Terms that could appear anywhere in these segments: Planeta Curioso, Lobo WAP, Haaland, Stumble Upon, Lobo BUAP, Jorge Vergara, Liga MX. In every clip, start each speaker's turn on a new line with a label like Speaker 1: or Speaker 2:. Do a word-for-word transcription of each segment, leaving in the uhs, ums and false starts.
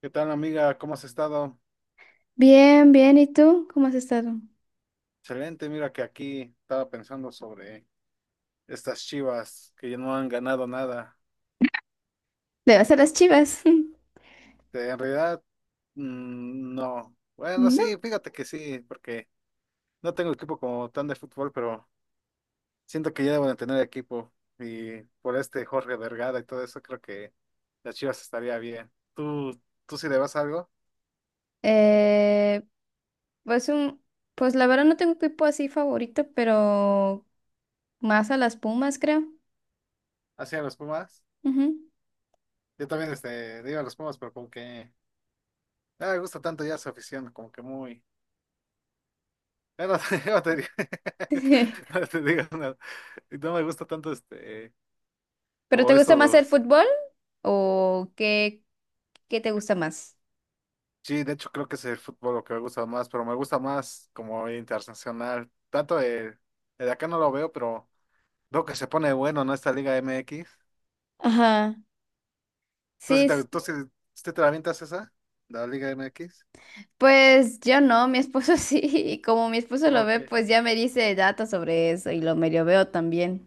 Speaker 1: ¿Qué tal, amiga? ¿Cómo has estado?
Speaker 2: Bien, bien. ¿Y tú? ¿Cómo has estado?
Speaker 1: Excelente, mira que aquí estaba pensando sobre estas Chivas que ya no han ganado nada.
Speaker 2: ¿Le vas a las Chivas?
Speaker 1: Este, en realidad, mm, no. Bueno,
Speaker 2: No.
Speaker 1: sí, fíjate que sí, porque no tengo equipo como tan de fútbol, pero siento que ya deben de tener equipo. Y por este Jorge Vergara y todo eso, creo que las Chivas estaría bien. ¿Tú, tú sí le vas algo?
Speaker 2: Eh, pues un, pues la verdad no tengo equipo así favorito, pero más a las Pumas, creo.
Speaker 1: ¿Hacia los Pumas?
Speaker 2: Ujú.
Speaker 1: Yo también este, le iba a los Pumas, pero como que no me gusta tanto ya su afición, como que muy... Ya no te, ya no te, no digo nada. Y no me gusta tanto este,
Speaker 2: ¿Pero te
Speaker 1: como
Speaker 2: gusta
Speaker 1: estos
Speaker 2: más el
Speaker 1: los,
Speaker 2: fútbol o qué, qué te gusta más?
Speaker 1: sí, de hecho creo que es el fútbol lo que me gusta más, pero me gusta más como internacional. Tanto el, el de acá no lo veo, pero veo que se pone bueno, ¿no? Esta Liga M X.
Speaker 2: Ajá.
Speaker 1: ¿Tú
Speaker 2: Sí,
Speaker 1: sí te,
Speaker 2: s-
Speaker 1: tú sí- sí te la avientas esa? La Liga M X.
Speaker 2: pues yo no, mi esposo sí, y como mi esposo lo
Speaker 1: Ok.
Speaker 2: ve, pues ya me dice datos sobre eso y lo medio veo también.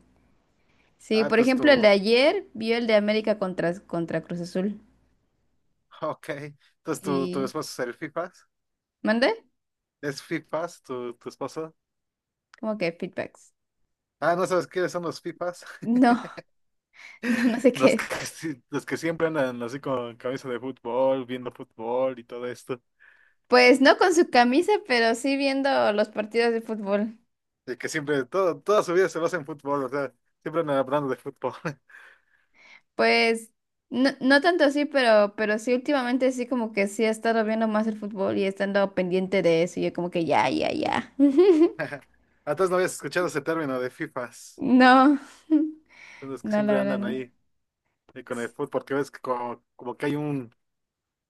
Speaker 2: Sí,
Speaker 1: Ah,
Speaker 2: por
Speaker 1: entonces tu,
Speaker 2: ejemplo, el de ayer vio el de América contra, contra Cruz Azul.
Speaker 1: ok. Entonces tu, tu
Speaker 2: Y
Speaker 1: esposo es el FIFAs.
Speaker 2: mandé
Speaker 1: ¿Es FIFAs tu, tu esposo?
Speaker 2: como que feedbacks.
Speaker 1: Ah, ¿no sabes quiénes son los FIFAs?
Speaker 2: No, no, no sé qué
Speaker 1: Los que,
Speaker 2: es.
Speaker 1: sí- los que siempre andan así con camisa de fútbol, viendo fútbol y todo esto.
Speaker 2: Pues no con su camisa, pero sí viendo los partidos de fútbol.
Speaker 1: De que siempre, todo, toda su vida se basa en fútbol, o sea, siempre andan hablando de fútbol.
Speaker 2: Pues no, no tanto así, pero, pero sí últimamente sí como que sí he estado viendo más el fútbol y estando pendiente de eso. Y yo como que ya, ya, ya.
Speaker 1: Antes no habías escuchado ese término de FIFAs.
Speaker 2: No,
Speaker 1: Son los que
Speaker 2: no, la
Speaker 1: siempre
Speaker 2: verdad
Speaker 1: andan
Speaker 2: no.
Speaker 1: ahí eh, con el fútbol, porque ves que como, como que hay un,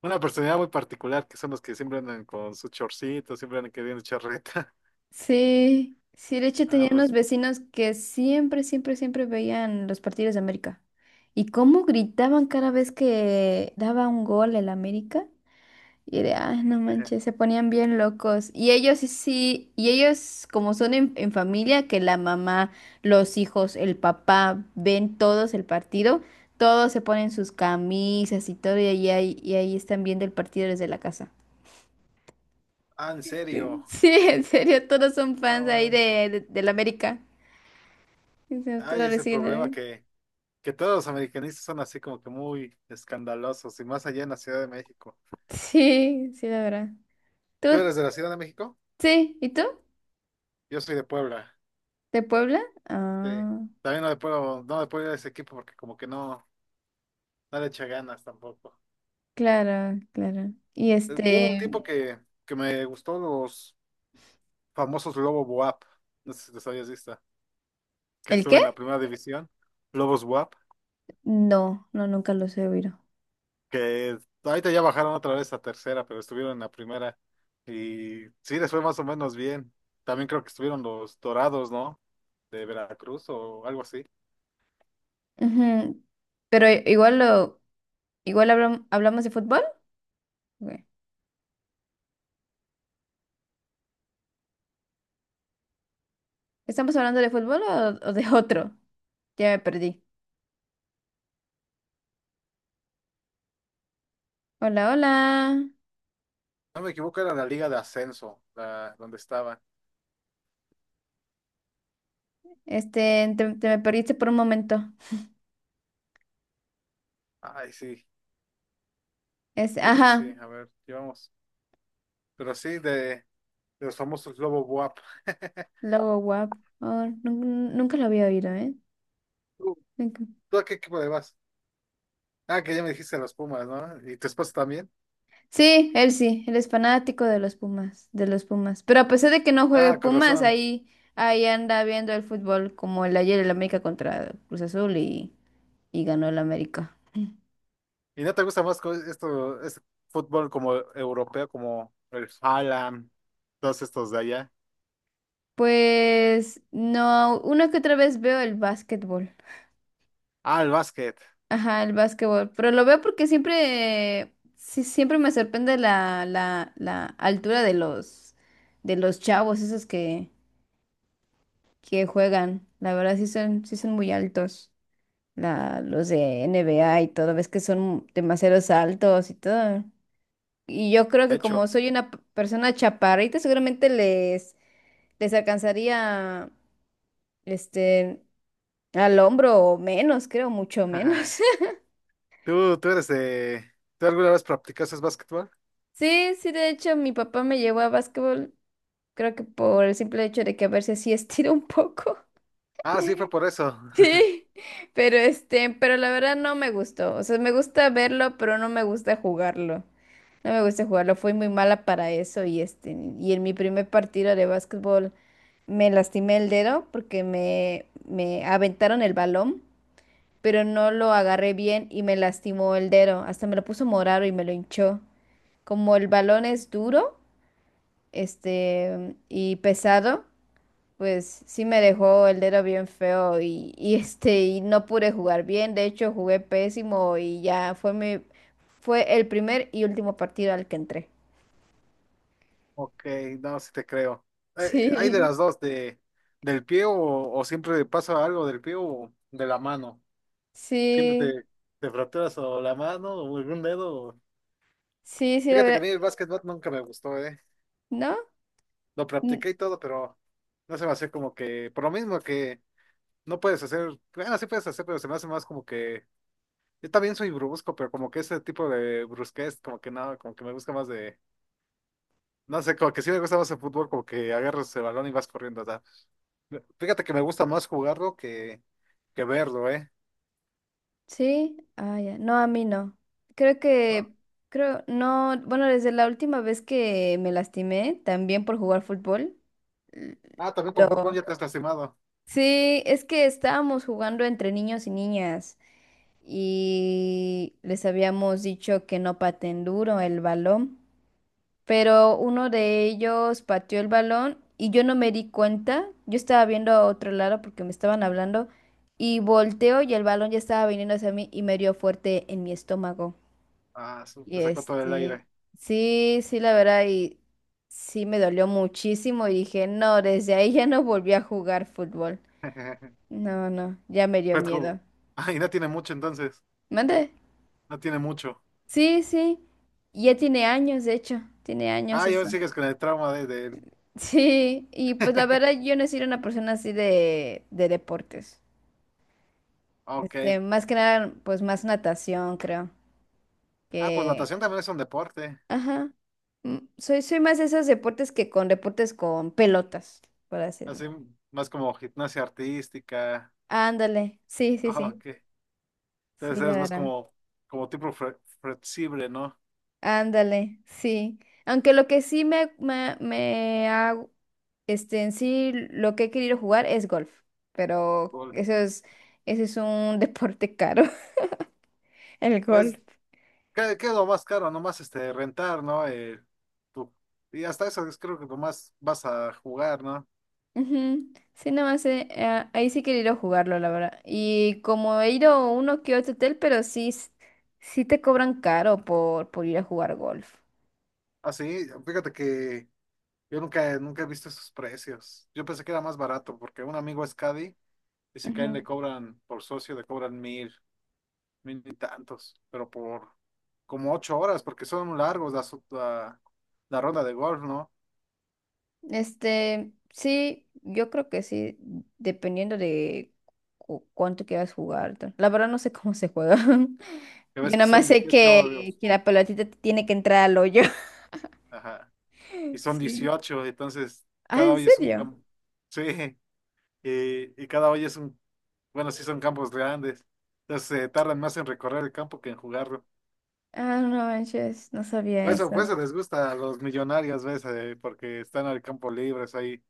Speaker 1: una personalidad muy particular, que son los que siempre andan con sus chorcitos, siempre andan queriendo charreta.
Speaker 2: Sí, sí, de hecho
Speaker 1: Ah,
Speaker 2: tenía unos
Speaker 1: pues.
Speaker 2: vecinos que siempre, siempre, siempre veían los partidos de América. Y cómo gritaban cada vez que daba un gol el América. Y de, ah, no manches, se ponían bien locos. Y ellos sí, sí, y ellos como son en, en familia, que la mamá, los hijos, el papá, ven todos el partido, todos se ponen sus camisas y todo, y ahí, y ahí están viendo el partido desde la casa.
Speaker 1: Ah, en
Speaker 2: Sí,
Speaker 1: serio.
Speaker 2: en serio, todos son
Speaker 1: Ah,
Speaker 2: fans ahí de,
Speaker 1: bueno.
Speaker 2: de, del América. Y se- Te
Speaker 1: Hay
Speaker 2: lo
Speaker 1: ese
Speaker 2: reciben
Speaker 1: problema
Speaker 2: ahí.
Speaker 1: que. que todos los americanistas son así como que muy escandalosos y más allá en la Ciudad de México.
Speaker 2: Sí, sí, la verdad.
Speaker 1: ¿Tú
Speaker 2: ¿Tú?
Speaker 1: eres de la Ciudad de México?
Speaker 2: Sí, ¿y tú?
Speaker 1: Yo soy de Puebla.
Speaker 2: ¿De Puebla?
Speaker 1: Sí.
Speaker 2: Ah,
Speaker 1: También no le puedo, no le puedo ir a ese equipo porque como que no, no le echa ganas tampoco.
Speaker 2: claro, claro. ¿Y
Speaker 1: Eh, Hubo un
Speaker 2: este,
Speaker 1: tiempo que, que me gustó los famosos Lobo W A P, no sé si los habías visto, que
Speaker 2: el
Speaker 1: estuve en la
Speaker 2: qué?
Speaker 1: primera división, Lobos W A P,
Speaker 2: No, no, nunca los he oído.
Speaker 1: que ahorita ya bajaron otra vez a tercera, pero estuvieron en la primera y sí les fue más o menos bien. También creo que estuvieron los Dorados, ¿no? De Veracruz o algo así.
Speaker 2: Ujú. Pero i- igual lo, igual hablam- hablamos de fútbol. Ok. ¿Estamos hablando de fútbol o, o de otro? Ya me perdí. Hola, hola.
Speaker 1: No me equivoco, era la Liga de Ascenso, la, donde estaba.
Speaker 2: Este, te, te me perdiste por un momento.
Speaker 1: Ay, sí,
Speaker 2: Es,
Speaker 1: de hecho sí,
Speaker 2: ajá,
Speaker 1: a ver, llevamos. Pero sí, de, de los famosos Lobo Buap.
Speaker 2: logo guap. Oh, nun- nunca lo había oído, ¿eh?
Speaker 1: ¿Tú, tú a qué equipo le vas? Ah, que ya me dijiste los Pumas, ¿no? ¿Y tu esposa también?
Speaker 2: Sí, él sí, él es fanático de los Pumas, de los Pumas. Pero a pesar de que no juegue
Speaker 1: Ah, con
Speaker 2: Pumas,
Speaker 1: razón.
Speaker 2: ahí, ahí anda viendo el fútbol como el ayer el América contra Cruz Azul y, y ganó el América.
Speaker 1: ¿Y no te gusta más co- esto, este fútbol como europeo, como el Haaland, todos estos de allá?
Speaker 2: Pues no, una que otra vez veo el básquetbol.
Speaker 1: Ah, el básquet,
Speaker 2: Ajá, el básquetbol. Pero lo veo porque siempre, sí, siempre me sorprende la, la, la altura de los, de los chavos, esos que, que juegan. La verdad sí son, sí son muy altos. La los de N B A y todo, ves que son demasiados altos y todo. Y yo creo
Speaker 1: de
Speaker 2: que como
Speaker 1: hecho.
Speaker 2: soy una p- persona chaparrita, seguramente les, les alcanzaría este al hombro o menos, creo, mucho menos.
Speaker 1: ¿Tú, tú eres de... ¿Tú alguna vez practicaste básquetbol?
Speaker 2: Sí, sí, de hecho, mi papá me llevó a básquetbol, creo que por el simple hecho de que a ver si así estiro un poco.
Speaker 1: Ah, sí, fue por eso.
Speaker 2: Sí, pero este, pero la verdad no me gustó. O sea, me gusta verlo, pero no me gusta jugarlo. No me gusta jugarlo, fui muy mala para eso y este, y en mi primer partido de básquetbol me lastimé el dedo porque me, me aventaron el balón, pero no lo agarré bien y me lastimó el dedo, hasta me lo puso morado y me lo hinchó. Como el balón es duro, este, y pesado, pues sí me dejó el dedo bien feo y, y, este y no pude jugar bien, de hecho jugué pésimo y ya fue mi fue el primer y último partido al que entré.
Speaker 1: Ok, no, sí te creo. Hay, hay de
Speaker 2: Sí,
Speaker 1: las dos, de, del pie o, o siempre pasa algo del pie o de la mano. Siempre
Speaker 2: sí,
Speaker 1: te, te fracturas o la mano o algún dedo. o-
Speaker 2: sí, sí, la
Speaker 1: Fíjate que a
Speaker 2: verdad.
Speaker 1: mí el básquetbol nunca me gustó, ¿eh?
Speaker 2: ¿No?
Speaker 1: Lo
Speaker 2: N-
Speaker 1: practiqué y todo, pero no se me hace como que, por lo mismo que no puedes hacer, bueno, sí puedes hacer, pero se me hace más como que, yo también soy brusco, pero como que ese tipo de brusquez, como que no, como que me gusta más de, no sé, como que sí me gusta más el fútbol, como que agarras el balón y vas corriendo. Fíjate que me gusta más jugarlo que, que verlo, ¿eh?
Speaker 2: Sí, ah, ya. No, a mí no. Creo
Speaker 1: No.
Speaker 2: que, creo, no, bueno, desde la última vez que me lastimé, también por jugar fútbol. l-
Speaker 1: Ah, también con fútbol ya te has lastimado.
Speaker 2: Sí, es que estábamos jugando entre niños y niñas. Y les habíamos dicho que no paten duro el balón, pero uno de ellos pateó el balón y yo no me di cuenta, yo estaba viendo a otro lado porque me estaban hablando y volteo y el balón ya estaba viniendo hacia mí y me dio fuerte en mi estómago.
Speaker 1: Ah, su-
Speaker 2: Y
Speaker 1: te sacó todo el
Speaker 2: este,
Speaker 1: aire.
Speaker 2: sí, sí, la verdad, y sí me dolió muchísimo y dije, no, desde ahí ya no volví a jugar fútbol. No, no, ya me dio
Speaker 1: Pues,
Speaker 2: miedo.
Speaker 1: como- Ah, y no tiene mucho entonces.
Speaker 2: ¿Mande?
Speaker 1: No tiene mucho.
Speaker 2: Sí, sí, ya tiene años, de hecho, tiene años
Speaker 1: Ah, y aún
Speaker 2: eso.
Speaker 1: sigues con el trauma de, de... él.
Speaker 2: Sí, y pues la verdad yo no he sido una persona así de, de deportes.
Speaker 1: Ok.
Speaker 2: Este, más que nada, pues más natación, creo.
Speaker 1: Ah, pues
Speaker 2: Que,
Speaker 1: natación también es un deporte.
Speaker 2: ajá, mm, soy, soy más de esos deportes que con deportes con pelotas, por así decirlo.
Speaker 1: Así más como gimnasia artística.
Speaker 2: Ándale, sí, sí,
Speaker 1: Ah,
Speaker 2: sí,
Speaker 1: ok.
Speaker 2: sí,
Speaker 1: Entonces
Speaker 2: la
Speaker 1: es más
Speaker 2: verdad.
Speaker 1: como, como tipo fle- flexible, ¿no?
Speaker 2: Ándale, sí. Aunque lo que sí me, me, me ha, este, en sí, lo que he querido jugar es golf, pero
Speaker 1: Fútbol.
Speaker 2: eso es, ese es un deporte caro, el golf.
Speaker 1: Pues ¿Qué, qué es lo más caro? Nomás este, rentar, ¿no? Eh, tu- y hasta eso es creo que nomás vas a jugar, ¿no?
Speaker 2: Ujú. Sí, nada más, eh, eh, ahí sí he querido jugarlo, la verdad. Y como he ido a uno que otro hotel, pero sí, s- sí te cobran caro por, por ir a jugar golf.
Speaker 1: Así, fíjate que yo nunca, nunca he visto esos precios. Yo pensé que era más barato porque un amigo es Caddy, dice que a él le cobran por socio, le cobran mil, mil y tantos, pero por como ocho horas porque son largos la, su- la, la ronda de golf, ¿no?
Speaker 2: Este, sí, yo creo que sí, dependiendo de cu- cuánto quieras jugar. Tal. La verdad no sé cómo se juega.
Speaker 1: Que
Speaker 2: Yo
Speaker 1: ves que
Speaker 2: nada más
Speaker 1: son
Speaker 2: sé
Speaker 1: dieciocho
Speaker 2: que,
Speaker 1: hoyos,
Speaker 2: que la pelotita tiene que entrar al hoyo.
Speaker 1: ajá, y son
Speaker 2: Sí.
Speaker 1: dieciocho entonces
Speaker 2: Ah,
Speaker 1: cada
Speaker 2: ¿en
Speaker 1: hoy es un
Speaker 2: serio?
Speaker 1: campo. Sí. y, y cada hoyo es un, bueno, sí son campos grandes, entonces se tardan más en recorrer el campo que en jugarlo.
Speaker 2: Ah, no manches, no sabía
Speaker 1: Por eso,
Speaker 2: eso.
Speaker 1: por eso les gusta a los millonarios, ¿ves? Eh, porque están al campo libres ahí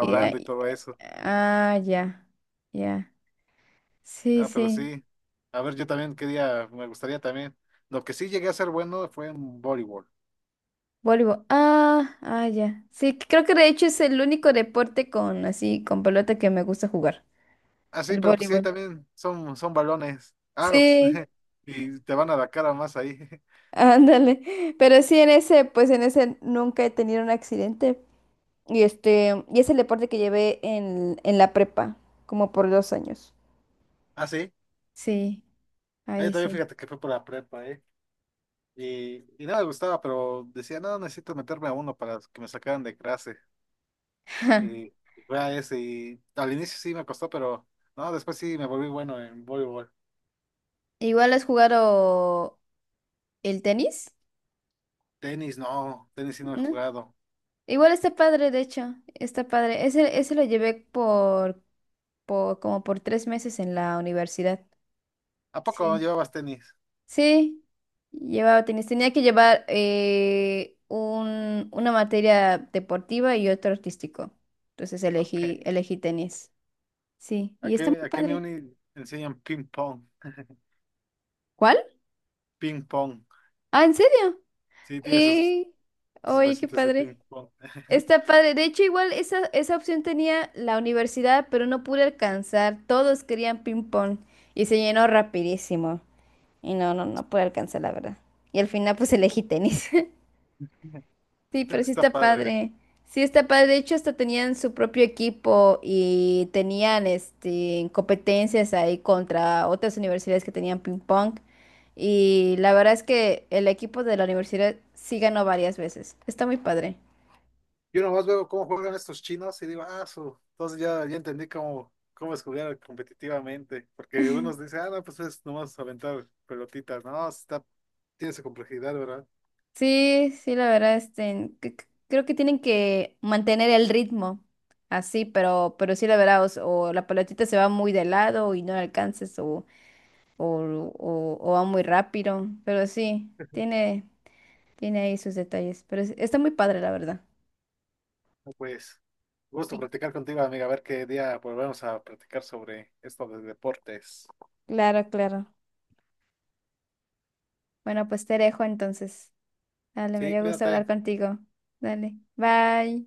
Speaker 2: Y-
Speaker 1: y
Speaker 2: y-
Speaker 1: todo eso.
Speaker 2: ah, ya, ya. Sí,
Speaker 1: Ah, pero
Speaker 2: sí.
Speaker 1: sí, a ver, yo también quería, me gustaría también. Lo que sí llegué a ser bueno fue en voleibol.
Speaker 2: Voleibol. Ah, ah, ya. Sí, creo que de hecho es el único deporte con así, con pelota que me gusta jugar.
Speaker 1: Ah, sí,
Speaker 2: El
Speaker 1: pero pues sí, ahí
Speaker 2: voleibol.
Speaker 1: también son, son balones. Ah, pues,
Speaker 2: Sí.
Speaker 1: y te van a la cara más ahí.
Speaker 2: Ándale, pero sí en ese, pues en ese nunca he tenido un accidente. Y este, y es el deporte que llevé en, en la prepa, como por dos años.
Speaker 1: Ah, sí,
Speaker 2: Sí,
Speaker 1: ahí
Speaker 2: ahí
Speaker 1: también
Speaker 2: sí.
Speaker 1: fíjate que fue por la prepa, ¿eh? Y, y no me gustaba, pero decía, no, necesito meterme a uno para que me sacaran de clase. Y, y fue a ese. Y al inicio sí me costó, pero no, después sí me volví bueno en voleibol.
Speaker 2: Igual has jugado el tenis,
Speaker 1: Tenis, no, tenis sí no he
Speaker 2: ¿no?
Speaker 1: jugado.
Speaker 2: Igual está padre, de hecho, está padre. Ese, ese lo llevé por, por como por tres meses en la universidad.
Speaker 1: ¿A poco
Speaker 2: Sí.
Speaker 1: llevabas tenis?
Speaker 2: Sí, llevaba tenis. Tenía que llevar eh, un- una materia deportiva y otro artístico. Entonces
Speaker 1: Ok.
Speaker 2: elegí, elegí tenis. Sí, y
Speaker 1: Aquí,
Speaker 2: está muy
Speaker 1: aquí en mi
Speaker 2: padre.
Speaker 1: uni enseñan ping pong.
Speaker 2: ¿Cuál?
Speaker 1: Ping pong.
Speaker 2: Ah, ¿en serio?
Speaker 1: Sí, tiene sus,
Speaker 2: Sí.
Speaker 1: sus
Speaker 2: Oye, qué
Speaker 1: mesitas de ping
Speaker 2: padre.
Speaker 1: pong.
Speaker 2: Está padre. De hecho, igual esa, esa opción tenía la universidad, pero no pude alcanzar. Todos querían ping pong y se llenó rapidísimo. Y no, no, no pude alcanzar, la verdad. Y al final, pues elegí tenis. Sí,
Speaker 1: Es que
Speaker 2: pero sí
Speaker 1: está
Speaker 2: está
Speaker 1: padre.
Speaker 2: padre. Sí está padre. De hecho, hasta tenían su propio equipo y tenían este competencias ahí contra otras universidades que tenían ping pong. Y la verdad es que el equipo de la universidad sí ganó varias veces. Está muy padre.
Speaker 1: Yo nomás veo cómo juegan estos chinos y digo, ah, su. Entonces ya, ya entendí cómo, cómo es jugar competitivamente. Porque unos dicen, ah, no, pues es nomás aventar pelotitas. No, está, tiene su complejidad, ¿verdad?
Speaker 2: Sí, sí, la verdad, este, c- c- creo que tienen que mantener el ritmo así, pero, pero sí, la verdad, o, s- o la pelotita se va muy de lado y no la alcanzas, o, o, o, o va muy rápido, pero sí, tiene, tiene ahí sus detalles, pero es- está muy padre, la verdad.
Speaker 1: No, pues, gusto
Speaker 2: Y
Speaker 1: platicar contigo, amiga. A ver qué día volvemos a platicar sobre esto de deportes.
Speaker 2: claro, claro. Bueno, pues te dejo entonces. Dale, me
Speaker 1: Sí,
Speaker 2: dio gusto hablar
Speaker 1: cuídate.
Speaker 2: contigo. Dale, bye.